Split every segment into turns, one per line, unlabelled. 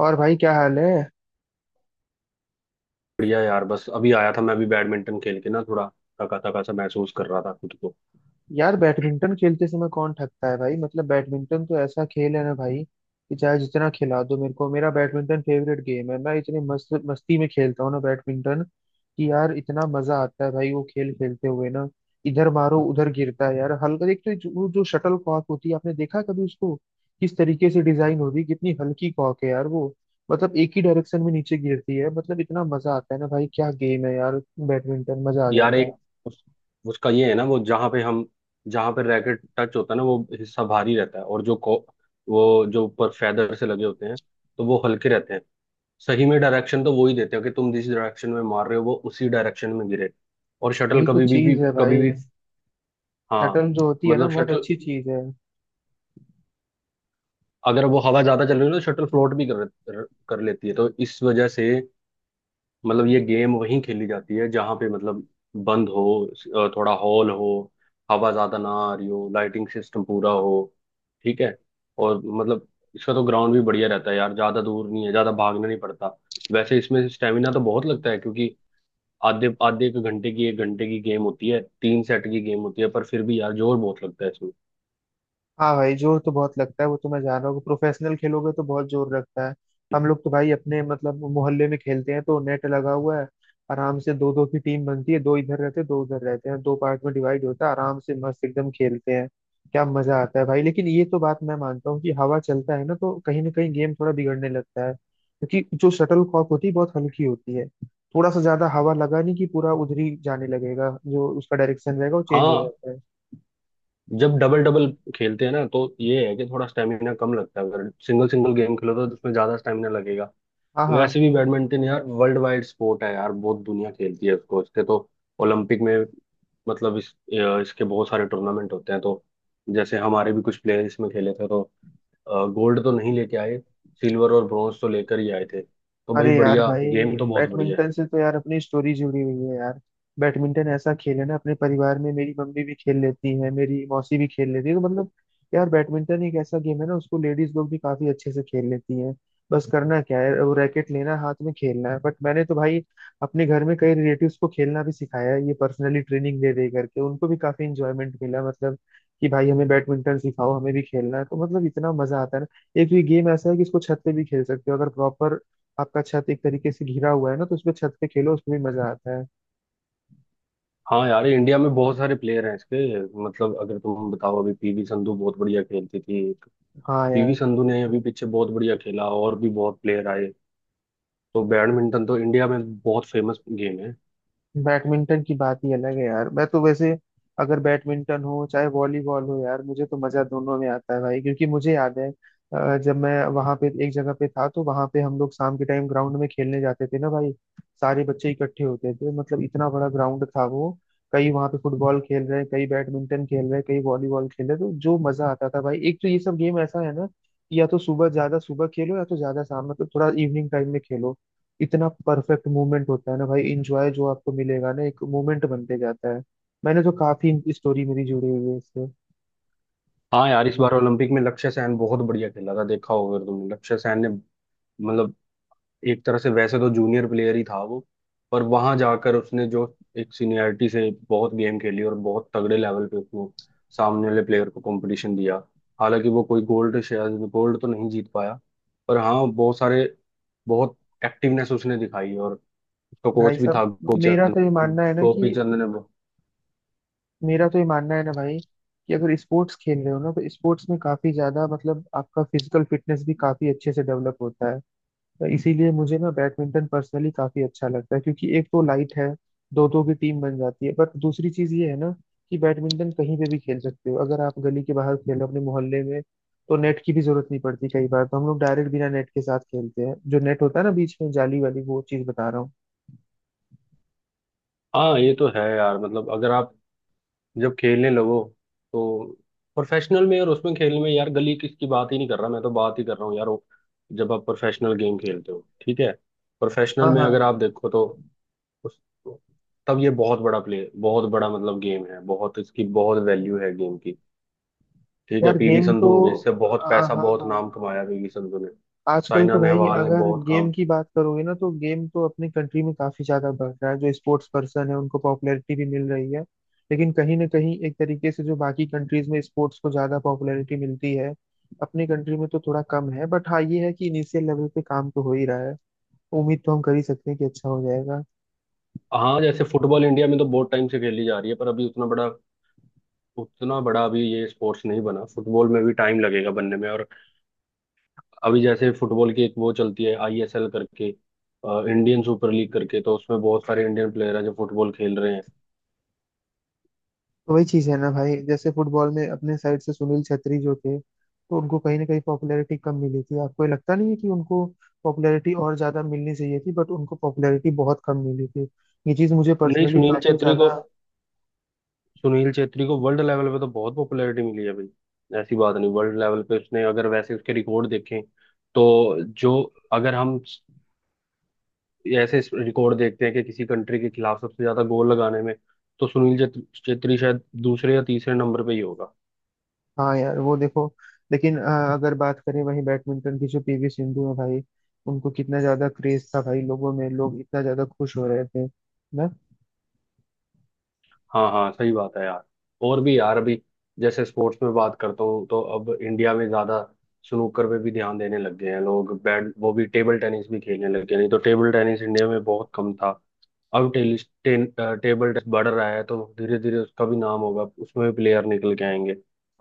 और भाई, क्या हाल है?
बढ़िया यार। बस अभी आया था, मैं अभी बैडमिंटन खेल के ना, थोड़ा थका थका सा महसूस कर रहा था खुद को।
यार बैडमिंटन खेलते समय कौन थकता है भाई, मतलब बैडमिंटन तो ऐसा खेल है ना भाई, कि चाहे जितना खिला दो मेरे को, मेरा बैडमिंटन फेवरेट गेम है। मैं इतनी मस्त मस्ती में खेलता हूँ ना बैडमिंटन, कि यार इतना मजा आता है भाई वो खेल खेलते हुए ना। इधर मारो उधर गिरता है यार, हल्का, एक तो वो जो शटल कॉक होती है, आपने देखा कभी उसको किस तरीके से डिजाइन होती है, कितनी हल्की कॉक है यार वो। मतलब एक ही डायरेक्शन में नीचे गिरती है, मतलब इतना मजा आता है ना भाई, क्या गेम है यार बैडमिंटन, मजा आ
यार
जाता है।
एक उस, उसका ये है ना, वो जहाँ पे रैकेट टच होता है ना वो हिस्सा भारी रहता है, और वो जो ऊपर फेदर से लगे होते हैं तो वो हल्के रहते हैं। सही में डायरेक्शन तो वो ही देते हैं कि तुम जिस डायरेक्शन में मार रहे हो वो उसी डायरेक्शन में गिरे। और शटल
वही तो
कभी भी, भी
चीज है
कभी
भाई,
भी हाँ।
शटल जो होती है ना
मतलब
बहुत
शटल
अच्छी चीज है।
अगर वो हवा ज्यादा चल रही है तो शटल फ्लोट भी कर लेती है, तो इस वजह से मतलब ये गेम वहीं खेली जाती है जहां पे मतलब बंद हो, थोड़ा हॉल हो, हवा ज्यादा ना आ रही हो, लाइटिंग सिस्टम पूरा हो, ठीक है। और मतलब इसका तो ग्राउंड भी बढ़िया रहता है यार, ज्यादा दूर नहीं है, ज्यादा भागना नहीं पड़ता। वैसे इसमें स्टेमिना तो बहुत लगता है, क्योंकि आधे आधे एक घंटे की गेम होती है, 3 सेट की गेम होती है, पर फिर भी यार जोर बहुत लगता है इसमें।
हाँ भाई, जोर तो बहुत लगता है, वो तो मैं जान रहा हूँ, प्रोफेशनल खेलोगे तो बहुत जोर लगता है। हम लोग तो भाई अपने मतलब मोहल्ले में खेलते हैं, तो नेट लगा हुआ है, आराम से दो दो की टीम बनती है, दो इधर रहते हैं, दो उधर रहते हैं, दो पार्ट में डिवाइड होता है, आराम से मस्त एकदम खेलते हैं। क्या मजा आता है भाई! लेकिन ये तो बात मैं मानता हूँ कि हवा चलता है ना तो कहीं ना कहीं गेम थोड़ा बिगड़ने लगता है, क्योंकि जो शटल कॉक होती है बहुत हल्की होती है। थोड़ा सा ज्यादा हवा लगा नहीं कि पूरा उधर ही जाने लगेगा, जो उसका डायरेक्शन रहेगा वो चेंज हो
हाँ,
जाता है।
जब डबल डबल खेलते हैं ना तो ये है कि थोड़ा स्टेमिना कम लगता है, अगर सिंगल सिंगल गेम खेलो तो उसमें ज्यादा स्टेमिना लगेगा।
हाँ, हाँ।
वैसे भी बैडमिंटन यार वर्ल्ड वाइड स्पोर्ट है यार, बहुत दुनिया खेलती है उसको। इसके तो ओलंपिक में मतलब इसके बहुत सारे टूर्नामेंट होते हैं, तो जैसे हमारे भी कुछ प्लेयर इसमें खेले थे तो गोल्ड तो नहीं लेके आए, सिल्वर और ब्रॉन्ज तो लेकर ही आए थे। तो भाई
अरे यार
बढ़िया
भाई,
गेम तो बहुत बढ़िया है।
बैडमिंटन से तो यार अपनी स्टोरी जुड़ी हुई है यार। बैडमिंटन ऐसा खेल है ना, अपने परिवार में मेरी मम्मी भी खेल लेती है, मेरी मौसी भी खेल लेती है, तो मतलब यार बैडमिंटन एक ऐसा गेम है ना उसको लेडीज लोग भी काफी अच्छे से खेल लेती हैं। बस करना क्या है, वो रैकेट लेना हाथ में, खेलना है। बट मैंने तो भाई अपने घर में कई रिलेटिव्स को खेलना भी सिखाया है, ये पर्सनली ट्रेनिंग दे दे करके उनको भी काफी इंजॉयमेंट मिला, मतलब कि भाई हमें बैडमिंटन सिखाओ, हमें भी खेलना है, तो मतलब इतना मजा आता है ना। एक तो ये गेम ऐसा है कि इसको छत पे भी खेल सकते हो, अगर प्रॉपर आपका छत एक तरीके से घिरा हुआ है ना, तो उसमें छत पे खेलो, उसमें भी मजा आता है।
हाँ यार, इंडिया में बहुत सारे प्लेयर हैं इसके। मतलब अगर तुम बताओ, अभी पीवी संधू बहुत बढ़िया खेलती थी।
हाँ
पीवी
यार,
संधू ने अभी पीछे बहुत बढ़िया खेला, और भी बहुत प्लेयर आए। तो बैडमिंटन तो इंडिया में बहुत फेमस गेम है।
बैडमिंटन की बात ही अलग है यार। मैं तो वैसे अगर बैडमिंटन हो चाहे वॉलीबॉल हो, यार मुझे तो मजा दोनों में आता है भाई। क्योंकि मुझे याद है जब मैं वहां पे एक जगह पे था, तो वहां पे हम लोग शाम के टाइम ग्राउंड में खेलने जाते थे ना भाई। सारे बच्चे इकट्ठे होते थे, मतलब इतना बड़ा ग्राउंड था वो। कई वहां पे फुटबॉल खेल रहे हैं, कई बैडमिंटन खेल रहे हैं, कई वॉलीबॉल खेल रहे हैं, तो जो मजा आता था भाई! एक तो ये सब गेम ऐसा है ना कि या तो सुबह, ज्यादा सुबह खेलो, या तो ज्यादा शाम, मतलब थोड़ा इवनिंग टाइम में खेलो। इतना परफेक्ट मूवमेंट होता है ना भाई, इंजॉय जो आपको मिलेगा ना, एक मूवमेंट बनते जाता है। मैंने तो काफी स्टोरी मेरी जुड़ी हुई है इससे।
हाँ यार, इस बार ओलंपिक में लक्ष्य सेन बहुत बढ़िया खेला था, देखा होगा अगर तुमने। लक्ष्य सेन ने मतलब, एक तरह से वैसे तो जूनियर प्लेयर ही था वो, पर वहां जाकर उसने जो एक सीनियरिटी से बहुत गेम खेली, और बहुत तगड़े लेवल पे उसने सामने वाले प्लेयर को कंपटीशन दिया। हालांकि वो कोई गोल्ड, शायद गोल्ड तो नहीं जीत पाया, पर हाँ बहुत सारे, बहुत एक्टिवनेस उसने दिखाई। और उसका
भाई
कोच भी था,
साहब,
गोपी
मेरा
चंद।
तो ये मानना है ना
गोपी
कि
चंद ने
मेरा तो ये मानना है ना भाई कि अगर स्पोर्ट्स खेल रहे हो ना तो स्पोर्ट्स में काफी ज्यादा मतलब आपका फिजिकल फिटनेस भी काफी अच्छे से डेवलप होता है। तो इसीलिए मुझे ना बैडमिंटन पर्सनली काफी अच्छा लगता है, क्योंकि एक तो लाइट है, दो दो की टीम बन जाती है। बट दूसरी चीज ये है ना कि बैडमिंटन कहीं पे भी खेल सकते हो, अगर आप गली के बाहर खेलो अपने मोहल्ले में, तो नेट की भी जरूरत नहीं पड़ती। कई बार तो हम लोग डायरेक्ट बिना नेट के साथ खेलते हैं, जो नेट होता है ना बीच में, जाली वाली, वो चीज बता रहा हूँ।
हाँ ये तो है यार। मतलब अगर आप जब खेलने लगो तो प्रोफेशनल में, और उसमें खेलने में यार, गली किस की बात ही नहीं कर रहा मैं, तो बात ही कर रहा हूँ यार वो जब आप प्रोफेशनल गेम खेलते हो, ठीक है। प्रोफेशनल
हाँ,
में
हाँ।
अगर आप देखो तो उस तब ये बहुत बड़ा प्ले, बहुत बड़ा मतलब गेम है, बहुत इसकी बहुत वैल्यू है गेम की। ठीक है,
यार
पीवी
गेम
संधू
तो,
हो गई, इससे बहुत
हाँ,
पैसा
हाँ,
बहुत
हाँ।
नाम कमाया पीवी संधू ने।
आजकल
साइना
तो भाई
नेहवाल ने
अगर
बहुत
गेम
काम।
की बात करोगे ना, तो गेम तो अपनी कंट्री में काफी ज्यादा बढ़ रहा है, जो स्पोर्ट्स पर्सन है उनको पॉपुलैरिटी भी मिल रही है। लेकिन कहीं ना कहीं एक तरीके से जो बाकी कंट्रीज में स्पोर्ट्स को ज्यादा पॉपुलैरिटी मिलती है, अपनी कंट्री में तो थोड़ा कम है। बट हाँ, ये है कि इनिशियल लेवल पे काम तो हो ही रहा है, उम्मीद तो हम कर ही सकते हैं कि अच्छा हो जाएगा।
हाँ, जैसे फुटबॉल इंडिया में तो बहुत टाइम से खेली जा रही है, पर अभी उतना बड़ा अभी ये स्पोर्ट्स नहीं बना, फुटबॉल में भी टाइम लगेगा बनने में। और अभी जैसे फुटबॉल की एक वो चलती है, आईएसएल करके, इंडियन सुपर लीग करके, तो उसमें बहुत सारे इंडियन प्लेयर हैं जो फुटबॉल खेल रहे हैं।
तो वही चीज है ना भाई, जैसे फुटबॉल में अपने साइड से सुनील छेत्री जो थे, तो उनको कहीं ना कहीं पॉपुलैरिटी कम मिली थी। आपको ये लगता नहीं है कि उनको पॉपुलैरिटी और ज्यादा मिलनी चाहिए थी? बट उनको पॉपुलैरिटी बहुत कम मिली थी। ये चीज मुझे
नहीं,
पर्सनली काफी ज्यादा,
सुनील छेत्री को वर्ल्ड लेवल पे तो बहुत पॉपुलैरिटी मिली है भाई। ऐसी बात नहीं, वर्ल्ड लेवल पे उसने, अगर वैसे उसके रिकॉर्ड देखें तो जो, अगर हम ऐसे रिकॉर्ड देखते हैं कि किसी कंट्री के खिलाफ सबसे ज्यादा गोल लगाने में, तो सुनील छेत्री छेत्री शायद दूसरे या तीसरे नंबर पे ही होगा।
हाँ यार वो देखो। लेकिन अगर बात करें वहीं बैडमिंटन की, जो पीवी सिंधु है भाई, उनको कितना ज्यादा क्रेज था भाई लोगों में, लोग इतना ज्यादा खुश हो रहे थे ना।
हाँ हाँ, सही बात है यार। और भी यार अभी, जैसे स्पोर्ट्स में बात करता हूँ तो अब इंडिया में ज्यादा स्नूकर पे भी ध्यान देने लग गए हैं लोग, बैड वो भी टेबल टेनिस भी खेलने लग गए, नहीं तो टेबल टेनिस इंडिया में बहुत कम था। अब टेबल टेनिस बढ़ रहा है, तो धीरे धीरे उसका भी नाम होगा, उसमें भी प्लेयर निकल के आएंगे।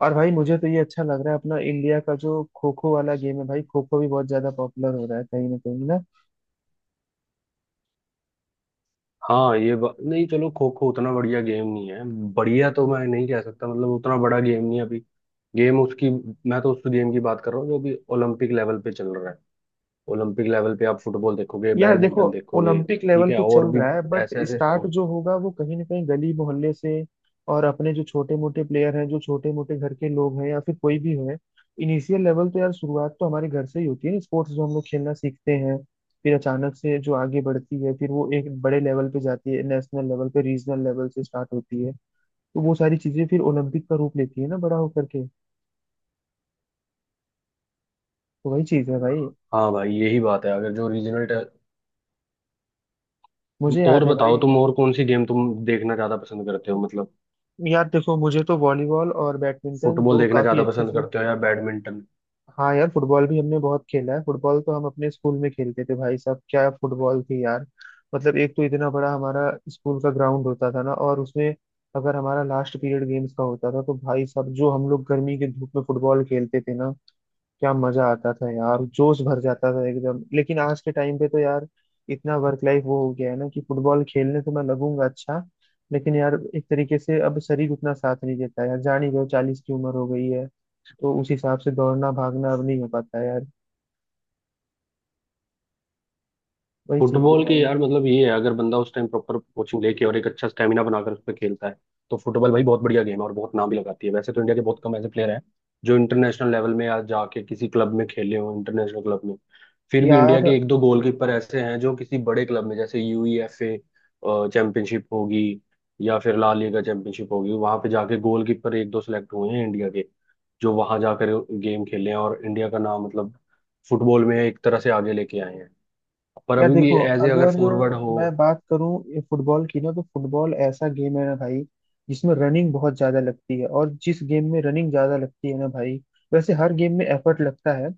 और भाई मुझे तो ये अच्छा लग रहा है, अपना इंडिया का जो खो खो वाला गेम है भाई, खो खो भी बहुत ज्यादा पॉपुलर हो रहा है कहीं ना कहीं।
हाँ नहीं चलो, खो खो उतना बढ़िया गेम नहीं है। बढ़िया तो मैं नहीं कह सकता, मतलब उतना बड़ा गेम नहीं है अभी। गेम उसकी, मैं तो उस गेम की बात कर रहा हूँ जो अभी ओलंपिक लेवल पे चल रहा है। ओलंपिक लेवल पे आप फुटबॉल देखोगे,
यार देखो,
बैडमिंटन देखोगे,
ओलंपिक
ठीक
लेवल
है,
पे चल
और भी
रहा है, बट
ऐसे ऐसे
स्टार्ट
स्पोर्ट।
जो होगा वो कहीं ना कहीं गली मोहल्ले से। और अपने जो छोटे मोटे प्लेयर हैं, जो छोटे मोटे घर के लोग हैं, या फिर कोई भी है, इनिशियल लेवल तो यार, शुरुआत तो हमारे घर से ही होती है ना, स्पोर्ट्स जो हम लोग खेलना सीखते हैं। फिर अचानक से जो आगे बढ़ती है, फिर वो एक बड़े लेवल पे जाती है, नेशनल लेवल पे, रीजनल लेवल से स्टार्ट होती है। तो वो सारी चीजें फिर ओलंपिक का रूप लेती है ना, बड़ा होकर के। तो वही चीज है भाई।
हाँ भाई, यही बात है अगर जो रीजनल।
मुझे
और
याद है
बताओ
भाई।
तुम, और कौन सी गेम तुम देखना ज्यादा पसंद करते हो, मतलब
यार देखो, मुझे तो वॉलीबॉल और बैडमिंटन
फुटबॉल
दो
देखना
काफी
ज्यादा
अच्छे
पसंद
से।
करते हो या बैडमिंटन?
हाँ यार, फुटबॉल भी हमने बहुत खेला है। फुटबॉल तो हम अपने स्कूल में खेलते थे भाई साहब, क्या फुटबॉल थी यार! मतलब एक तो इतना बड़ा हमारा स्कूल का ग्राउंड होता था ना, और उसमें अगर हमारा लास्ट पीरियड गेम्स का होता था, तो भाई साहब, जो हम लोग गर्मी के धूप में फुटबॉल खेलते थे ना, क्या मजा आता था यार, जोश भर जाता था एकदम। लेकिन आज के टाइम पे तो यार इतना वर्क लाइफ वो हो गया है ना, कि फुटबॉल खेलने तो मैं लगूंगा, अच्छा लेकिन यार एक तरीके से अब शरीर उतना साथ नहीं देता यार। जान ही रहे हो, 40 की उम्र हो गई है, तो उस हिसाब से दौड़ना भागना अब नहीं हो पाता है यार। वही चीज है
फुटबॉल की
भाई।
यार मतलब ये है, अगर बंदा उस टाइम प्रॉपर कोचिंग लेके और एक अच्छा स्टेमिना बनाकर उस पर खेलता है, तो फुटबॉल भाई बहुत बढ़िया गेम है, और बहुत नाम भी लगाती है। वैसे तो इंडिया के बहुत कम ऐसे प्लेयर हैं जो इंटरनेशनल लेवल में या जाके किसी क्लब में खेले हो, इंटरनेशनल क्लब में। फिर भी इंडिया
यार
के एक दो गोलकीपर ऐसे हैं जो किसी बड़े क्लब में, जैसे यूईएफए चैंपियनशिप होगी या फिर ला लीगा चैंपियनशिप होगी, वहां पे जाके गोलकीपर एक दो सिलेक्ट हुए हैं इंडिया के, जो वहां जाकर गेम खेले हैं और इंडिया का नाम मतलब फुटबॉल में एक तरह से आगे लेके आए हैं। पर
या
अभी भी
देखो,
एज ए अगर
अगर
फॉरवर्ड हो।
मैं बात करूं फुटबॉल की ना, तो फुटबॉल ऐसा गेम है ना भाई जिसमें रनिंग बहुत ज्यादा लगती है। और जिस गेम में रनिंग ज्यादा लगती है ना भाई, वैसे हर गेम में एफर्ट लगता है,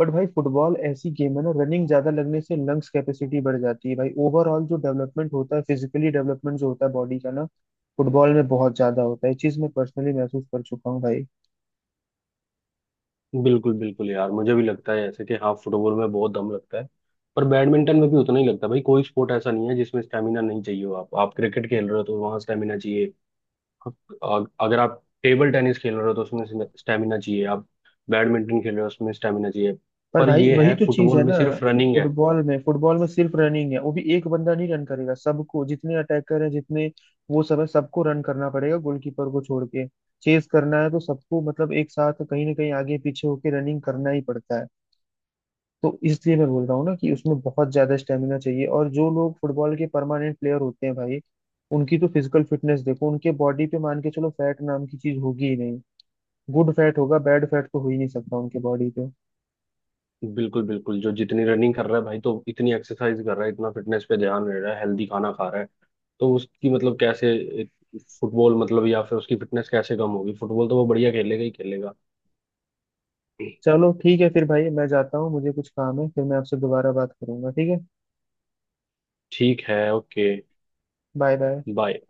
बट भाई फुटबॉल ऐसी गेम है ना, रनिंग ज्यादा लगने से लंग्स कैपेसिटी बढ़ जाती है भाई, ओवरऑल जो डेवलपमेंट होता है, फिजिकली डेवलपमेंट जो होता है बॉडी का ना, फुटबॉल में बहुत ज्यादा होता है। ये चीज मैं पर्सनली महसूस कर चुका हूँ भाई।
बिल्कुल बिल्कुल यार, मुझे भी लगता है ऐसे कि हाँ फुटबॉल में बहुत दम लगता है, पर बैडमिंटन में भी उतना ही लगता है भाई। कोई स्पोर्ट ऐसा नहीं है जिसमें स्टेमिना नहीं चाहिए हो। आप क्रिकेट खेल रहे हो तो वहाँ स्टेमिना चाहिए। अगर आप टेबल टेनिस खेल रहे हो तो उसमें स्टेमिना चाहिए। आप बैडमिंटन खेल रहे हो उसमें स्टेमिना चाहिए।
पर
पर
भाई
ये
वही
है,
तो चीज है
फुटबॉल में
ना,
सिर्फ रनिंग है।
फुटबॉल में सिर्फ रनिंग है, वो भी एक बंदा नहीं रन करेगा, सबको, जितने अटैकर हैं, जितने वो सब है, सबको रन करना पड़ेगा, गोलकीपर को छोड़ के। चेस करना है तो सबको, मतलब एक साथ कहीं ना कहीं आगे पीछे होके रनिंग करना ही पड़ता है। तो इसलिए मैं बोल रहा हूँ ना कि उसमें बहुत ज्यादा स्टेमिना चाहिए। और जो लोग फुटबॉल के परमानेंट प्लेयर होते हैं भाई, उनकी तो फिजिकल फिटनेस देखो, उनके बॉडी पे मान के चलो फैट नाम की चीज होगी ही नहीं। गुड फैट होगा, बैड फैट तो हो ही नहीं सकता उनके बॉडी पे।
बिल्कुल बिल्कुल, जो जितनी रनिंग कर रहा है भाई तो इतनी एक्सरसाइज कर रहा है, इतना फिटनेस पे ध्यान दे रहा है, हेल्दी खाना खा रहा है, तो उसकी मतलब कैसे फुटबॉल मतलब, या फिर उसकी फिटनेस कैसे कम होगी? फुटबॉल तो वो बढ़िया खेलेगा ही खेलेगा।
चलो ठीक है फिर भाई, मैं जाता हूँ, मुझे कुछ काम है, फिर मैं आपसे दोबारा बात करूंगा, ठीक है?
ठीक है, ओके।
Bye bye.
बाय।